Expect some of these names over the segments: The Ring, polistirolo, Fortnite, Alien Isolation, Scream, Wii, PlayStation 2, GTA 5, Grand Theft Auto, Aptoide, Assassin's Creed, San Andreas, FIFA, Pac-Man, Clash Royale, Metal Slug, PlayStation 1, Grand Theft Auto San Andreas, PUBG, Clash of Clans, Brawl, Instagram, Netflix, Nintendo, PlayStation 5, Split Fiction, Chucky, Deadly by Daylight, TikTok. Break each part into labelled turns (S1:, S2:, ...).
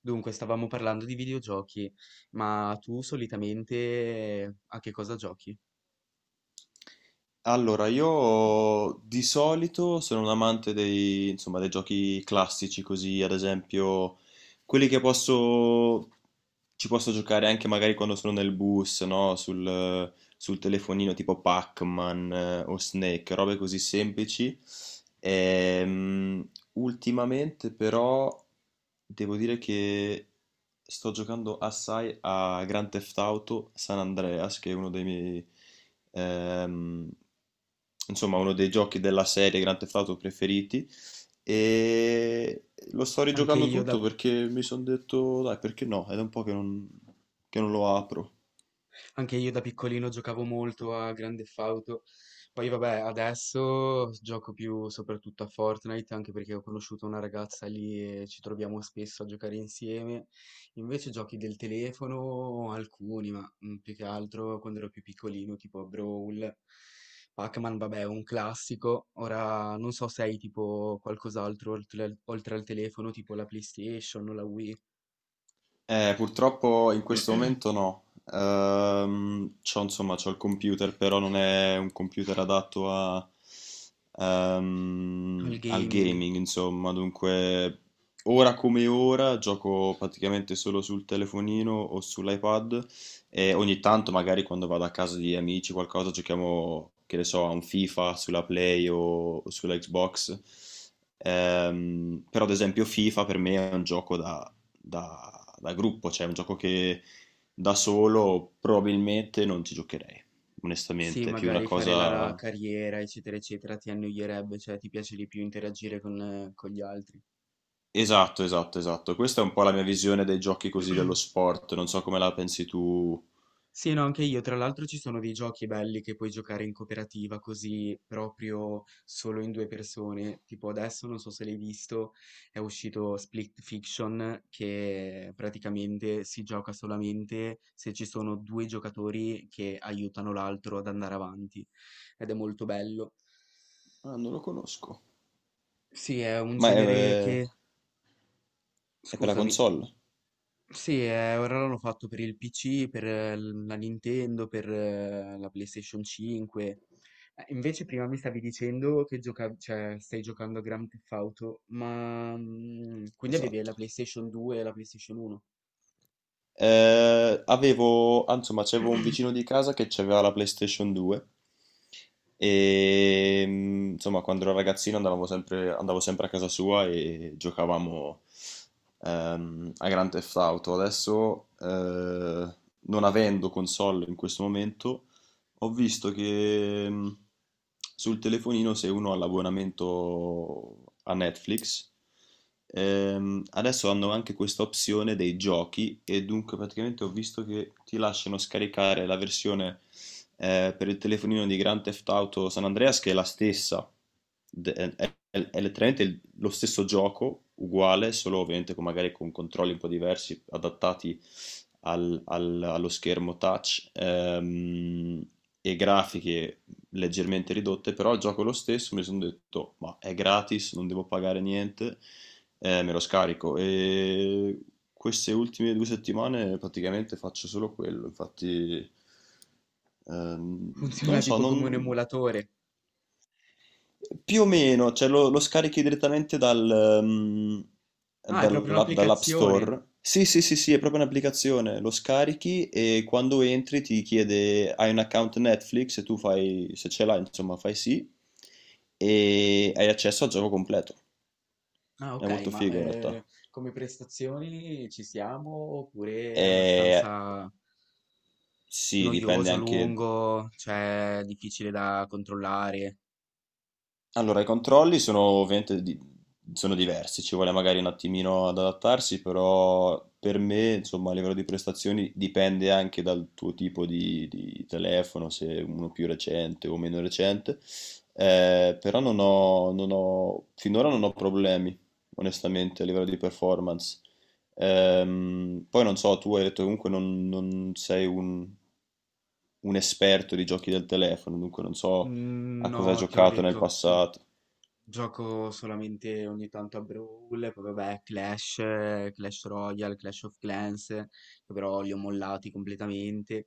S1: Dunque, stavamo parlando di videogiochi, ma tu solitamente a che cosa giochi?
S2: Allora, io di solito sono un amante dei giochi classici, così ad esempio quelli che posso ci posso giocare anche magari quando sono nel bus, no? Sul telefonino tipo Pac-Man o Snake, robe così semplici. Ultimamente però devo dire che sto giocando assai a Grand Theft Auto San Andreas, che è uno dei miei, ehm, uno dei giochi della serie Grand Theft Auto preferiti. E lo sto
S1: Anche
S2: rigiocando
S1: io
S2: tutto
S1: da
S2: perché mi sono detto, dai, perché no? Ed è da un po' che non lo apro.
S1: Anche io da piccolino giocavo molto a Grand Theft Auto, poi vabbè adesso gioco più soprattutto a Fortnite, anche perché ho conosciuto una ragazza lì e ci troviamo spesso a giocare insieme. Invece giochi del telefono alcuni, ma più che altro quando ero più piccolino tipo Brawl, Pac-Man vabbè è un classico. Ora non so se hai tipo qualcos'altro oltre, oltre al telefono, tipo la PlayStation o la Wii,
S2: Purtroppo in questo momento no. C'ho il computer, però non è un computer adatto
S1: al
S2: al
S1: gaming.
S2: gaming, insomma. Dunque, ora come ora gioco praticamente solo sul telefonino o sull'iPad e ogni tanto, magari quando vado a casa di amici, qualcosa, giochiamo, che ne so, a un FIFA sulla Play o sulla Xbox. Però, ad esempio, FIFA per me è un gioco da da gruppo, cioè è un gioco che da solo probabilmente non ci giocherei,
S1: Sì,
S2: onestamente, è più una
S1: magari fare la
S2: cosa...
S1: carriera, eccetera, eccetera, ti annoierebbe, cioè ti piace di più interagire con gli altri.
S2: Esatto, esatto, esatto. Questa è un po' la mia visione dei giochi così dello sport, non so come la pensi tu.
S1: Sì, no, anche io. Tra l'altro ci sono dei giochi belli che puoi giocare in cooperativa, così proprio solo in due persone. Tipo adesso, non so se l'hai visto, è uscito Split Fiction, che praticamente si gioca solamente se ci sono due giocatori che aiutano l'altro ad andare avanti. Ed è molto bello.
S2: Ah, non lo conosco.
S1: Sì, è un
S2: Ma è,
S1: genere
S2: eh,
S1: che...
S2: è per la
S1: Scusami.
S2: console?
S1: Sì, ora l'hanno fatto per il PC, per la Nintendo, per la PlayStation 5. Invece prima mi stavi dicendo che cioè, stai giocando a Grand Theft Auto, ma quindi avevi
S2: Esatto.
S1: la PlayStation 2 e la PlayStation 1?
S2: C'avevo un vicino di casa che aveva la PlayStation 2 e insomma, quando ero ragazzino andavo sempre a casa sua e giocavamo a Grand Theft Auto. Adesso, non avendo console in questo momento, ho visto che sul telefonino se uno ha l'abbonamento a Netflix, adesso hanno anche questa opzione dei giochi e dunque praticamente ho visto che ti lasciano scaricare la versione per il telefonino di Grand Theft Auto San Andreas che è la è letteralmente lo stesso gioco, uguale, solo ovviamente magari con controlli un po' diversi, adattati allo schermo touch e grafiche leggermente ridotte, però il gioco è lo stesso, mi sono detto, ma è gratis, non devo pagare niente, me lo scarico. E queste ultime due settimane praticamente faccio solo quello, infatti... Ehm, non
S1: Funziona
S2: lo so,
S1: tipo
S2: non...
S1: come un emulatore.
S2: Più o meno, cioè lo scarichi direttamente
S1: Ah, è proprio
S2: dall'app
S1: un'applicazione.
S2: Store. Sì, sì, sì, sì, è proprio un'applicazione. Lo scarichi e quando entri ti chiede hai un account Netflix e tu fai, se ce l'hai, insomma, fai sì e hai accesso al gioco completo.
S1: Ah,
S2: È
S1: ok,
S2: molto
S1: ma
S2: figo in realtà.
S1: come prestazioni ci siamo oppure è
S2: E
S1: abbastanza
S2: sì, dipende
S1: noioso,
S2: anche.
S1: lungo, cioè difficile da controllare?
S2: Allora, i controlli sono sono diversi, ci vuole magari un attimino ad adattarsi, però per me, insomma, a livello di prestazioni dipende anche dal tuo tipo di telefono, se uno più recente o meno recente. Però non ho, non ho- finora non ho problemi, onestamente, a livello di performance. Poi non so, tu hai detto comunque non, non sei un esperto di giochi del telefono, dunque non so a cosa ha
S1: No, te l'ho
S2: giocato nel
S1: detto,
S2: passato.
S1: gioco solamente ogni tanto a Brawl, poi vabbè, Clash, Clash Royale, Clash of Clans, che però li ho mollati completamente.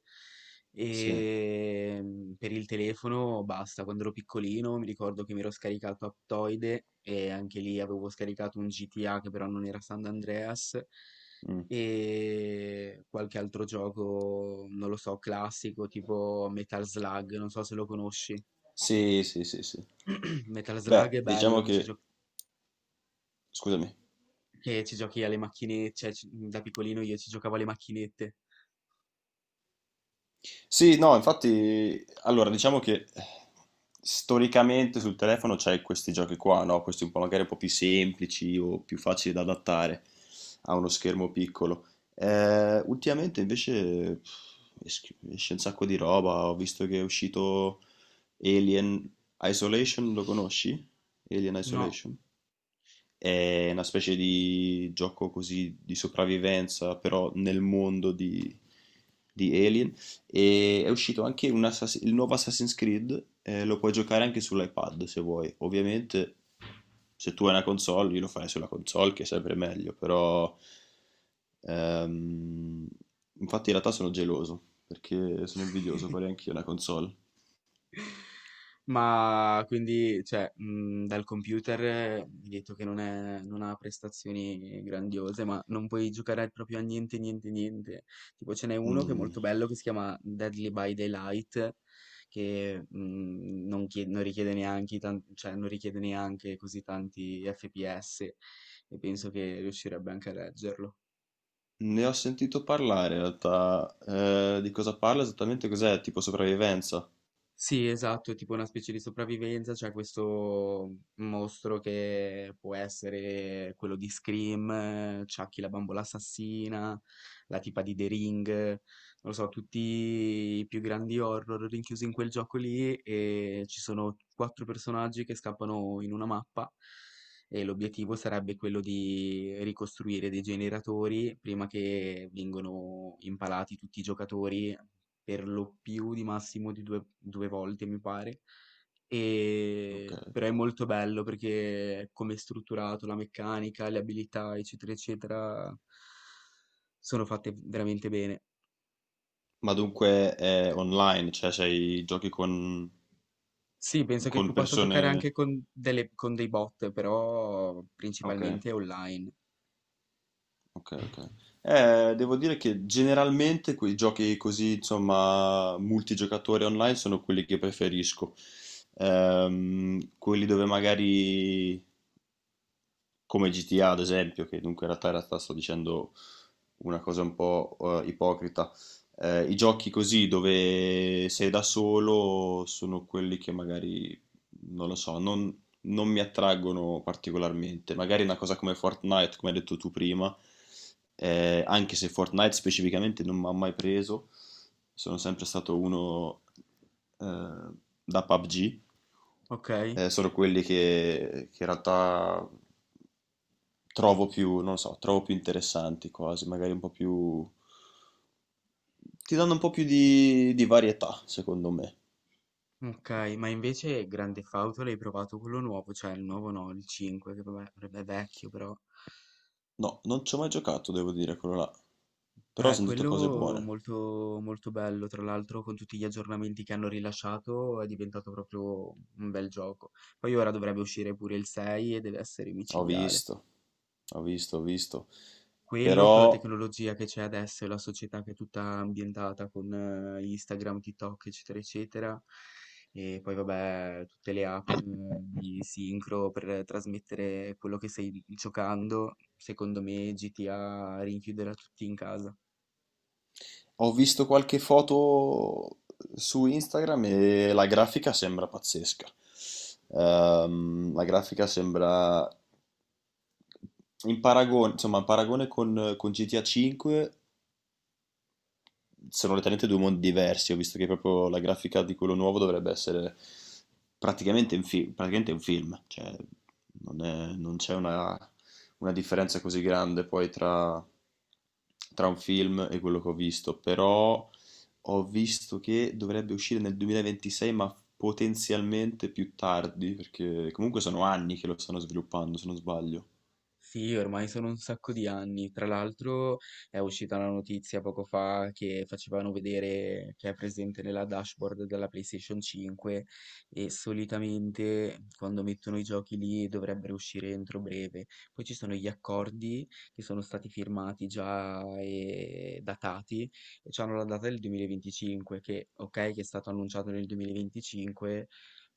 S2: Sì.
S1: E per il telefono basta. Quando ero piccolino mi ricordo che mi ero scaricato Aptoide e anche lì avevo scaricato un GTA che però non era San Andreas,
S2: Mm.
S1: e qualche altro gioco, non lo so, classico, tipo Metal Slug, non so se lo conosci.
S2: Sì, sì, sì, sì.
S1: Metal Slug
S2: Beh,
S1: è bello
S2: diciamo
S1: che ci,
S2: che... Scusami.
S1: che ci giochi alle macchinette, cioè da piccolino io ci giocavo alle macchinette.
S2: Sì, no, infatti, allora, diciamo che storicamente sul telefono c'è questi giochi qua, no? Questi un po' magari un po' più semplici o più facili da adattare a uno schermo piccolo. Ultimamente invece pff, esce un sacco di roba, ho visto che è uscito Alien Isolation, lo conosci? Alien
S1: No,
S2: Isolation? È una specie di gioco così di sopravvivenza, però nel mondo di Alien. E è uscito anche un il nuovo Assassin's Creed, lo puoi giocare anche sull'iPad se vuoi. Ovviamente, se tu hai una console, io lo farei sulla console, che è sempre meglio, però... Ehm, infatti in realtà sono geloso, perché sono invidioso, vorrei anch'io una console.
S1: ma quindi, cioè, dal computer mi hai detto che non ha prestazioni grandiose, ma non puoi giocare proprio a niente, niente, niente. Tipo ce n'è uno che è
S2: Mm,
S1: molto bello che si chiama Deadly by Daylight, che non richiede neanche, cioè, non richiede neanche così tanti FPS, e penso che riuscirebbe anche a reggerlo.
S2: ne ho sentito parlare in realtà. Di cosa parla esattamente? Cos'è? Tipo sopravvivenza.
S1: Sì, esatto, tipo una specie di sopravvivenza. C'è questo mostro che può essere quello di Scream, Chucky la bambola assassina, la tipa di The Ring, non lo so, tutti i più grandi horror rinchiusi in quel gioco lì, e ci sono quattro personaggi che scappano in una mappa, e l'obiettivo sarebbe quello di ricostruire dei generatori prima che vengano impalati tutti i giocatori per lo più di massimo di due, due volte, mi pare.
S2: Ok.
S1: Però è molto bello perché come è strutturato, la meccanica, le abilità, eccetera, eccetera, sono fatte veramente bene.
S2: Ma dunque è online, cioè
S1: Sì, penso che
S2: con
S1: tu possa giocare
S2: persone.
S1: anche con, con dei bot, però
S2: Ok,
S1: principalmente online.
S2: ok, ok. Devo dire che generalmente quei giochi così, insomma, multigiocatori online sono quelli che preferisco. Quelli dove magari come GTA ad esempio, che dunque in realtà sto dicendo una cosa un po' ipocrita. I giochi così dove sei da solo sono quelli che magari, non lo non mi attraggono particolarmente. Magari una cosa come Fortnite, come hai detto tu prima, anche se Fortnite specificamente non mi ha mai preso, sono sempre stato uno eh, da PUBG.
S1: Ok,
S2: Sono quelli che in realtà trovo più, non lo so, trovo più interessanti quasi, magari un po' più... ti danno un po' più di varietà, secondo me.
S1: ok, ma invece Grande Fauto l'hai provato, quello nuovo, cioè il nuovo no, il 5, che vabbè, vabbè, è vecchio però.
S2: No, non ci ho mai giocato, devo dire, quello là, però ho sentito cose
S1: Quello
S2: buone.
S1: molto, molto bello. Tra l'altro con tutti gli aggiornamenti che hanno rilasciato è diventato proprio un bel gioco. Poi ora dovrebbe uscire pure il 6 e deve essere
S2: Ho
S1: micidiale.
S2: visto, ho visto, ho visto.
S1: Quello con la
S2: Però
S1: tecnologia che c'è adesso e la società che è tutta ambientata con Instagram, TikTok, eccetera, eccetera. E poi vabbè, tutte le app di sincro per trasmettere quello che stai giocando. Secondo me GTA rinchiuderà tutti in casa.
S2: ho visto qualche foto su Instagram e la grafica sembra pazzesca. La grafica sembra in paragone con GTA 5 sono letteralmente due mondi diversi. Ho visto che proprio la grafica di quello nuovo dovrebbe essere praticamente un film, cioè non c'è una differenza così grande poi tra un film e quello che ho visto, però ho visto che dovrebbe uscire nel 2026, ma potenzialmente più tardi, perché comunque sono anni che lo stanno sviluppando, se non sbaglio.
S1: Sì, ormai sono un sacco di anni. Tra l'altro è uscita la notizia poco fa che facevano vedere che è presente nella dashboard della PlayStation 5, e solitamente quando mettono i giochi lì dovrebbero uscire entro breve. Poi ci sono gli accordi che sono stati firmati già e datati, e hanno la data del 2025, che ok che è stato annunciato nel 2025,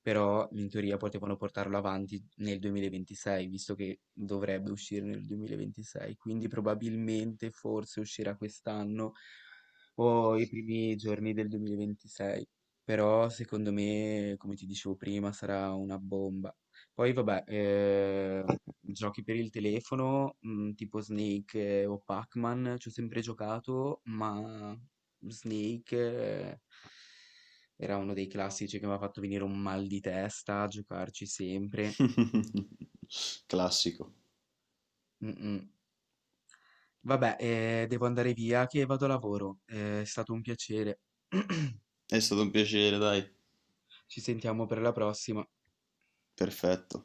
S1: però in teoria potevano portarlo avanti nel 2026, visto che dovrebbe uscire nel 2026, quindi probabilmente forse uscirà quest'anno o i primi giorni del 2026, però secondo me, come ti dicevo prima, sarà una bomba. Poi vabbè, giochi per il telefono, tipo Snake o Pac-Man, ci ho sempre giocato, ma Snake... era uno dei classici che mi ha fatto venire un mal di testa a giocarci sempre.
S2: Classico.
S1: Mm, mm. Vabbè, devo andare via che vado a lavoro. È stato un piacere.
S2: È stato un piacere, dai.
S1: Ci sentiamo per la prossima.
S2: Perfetto.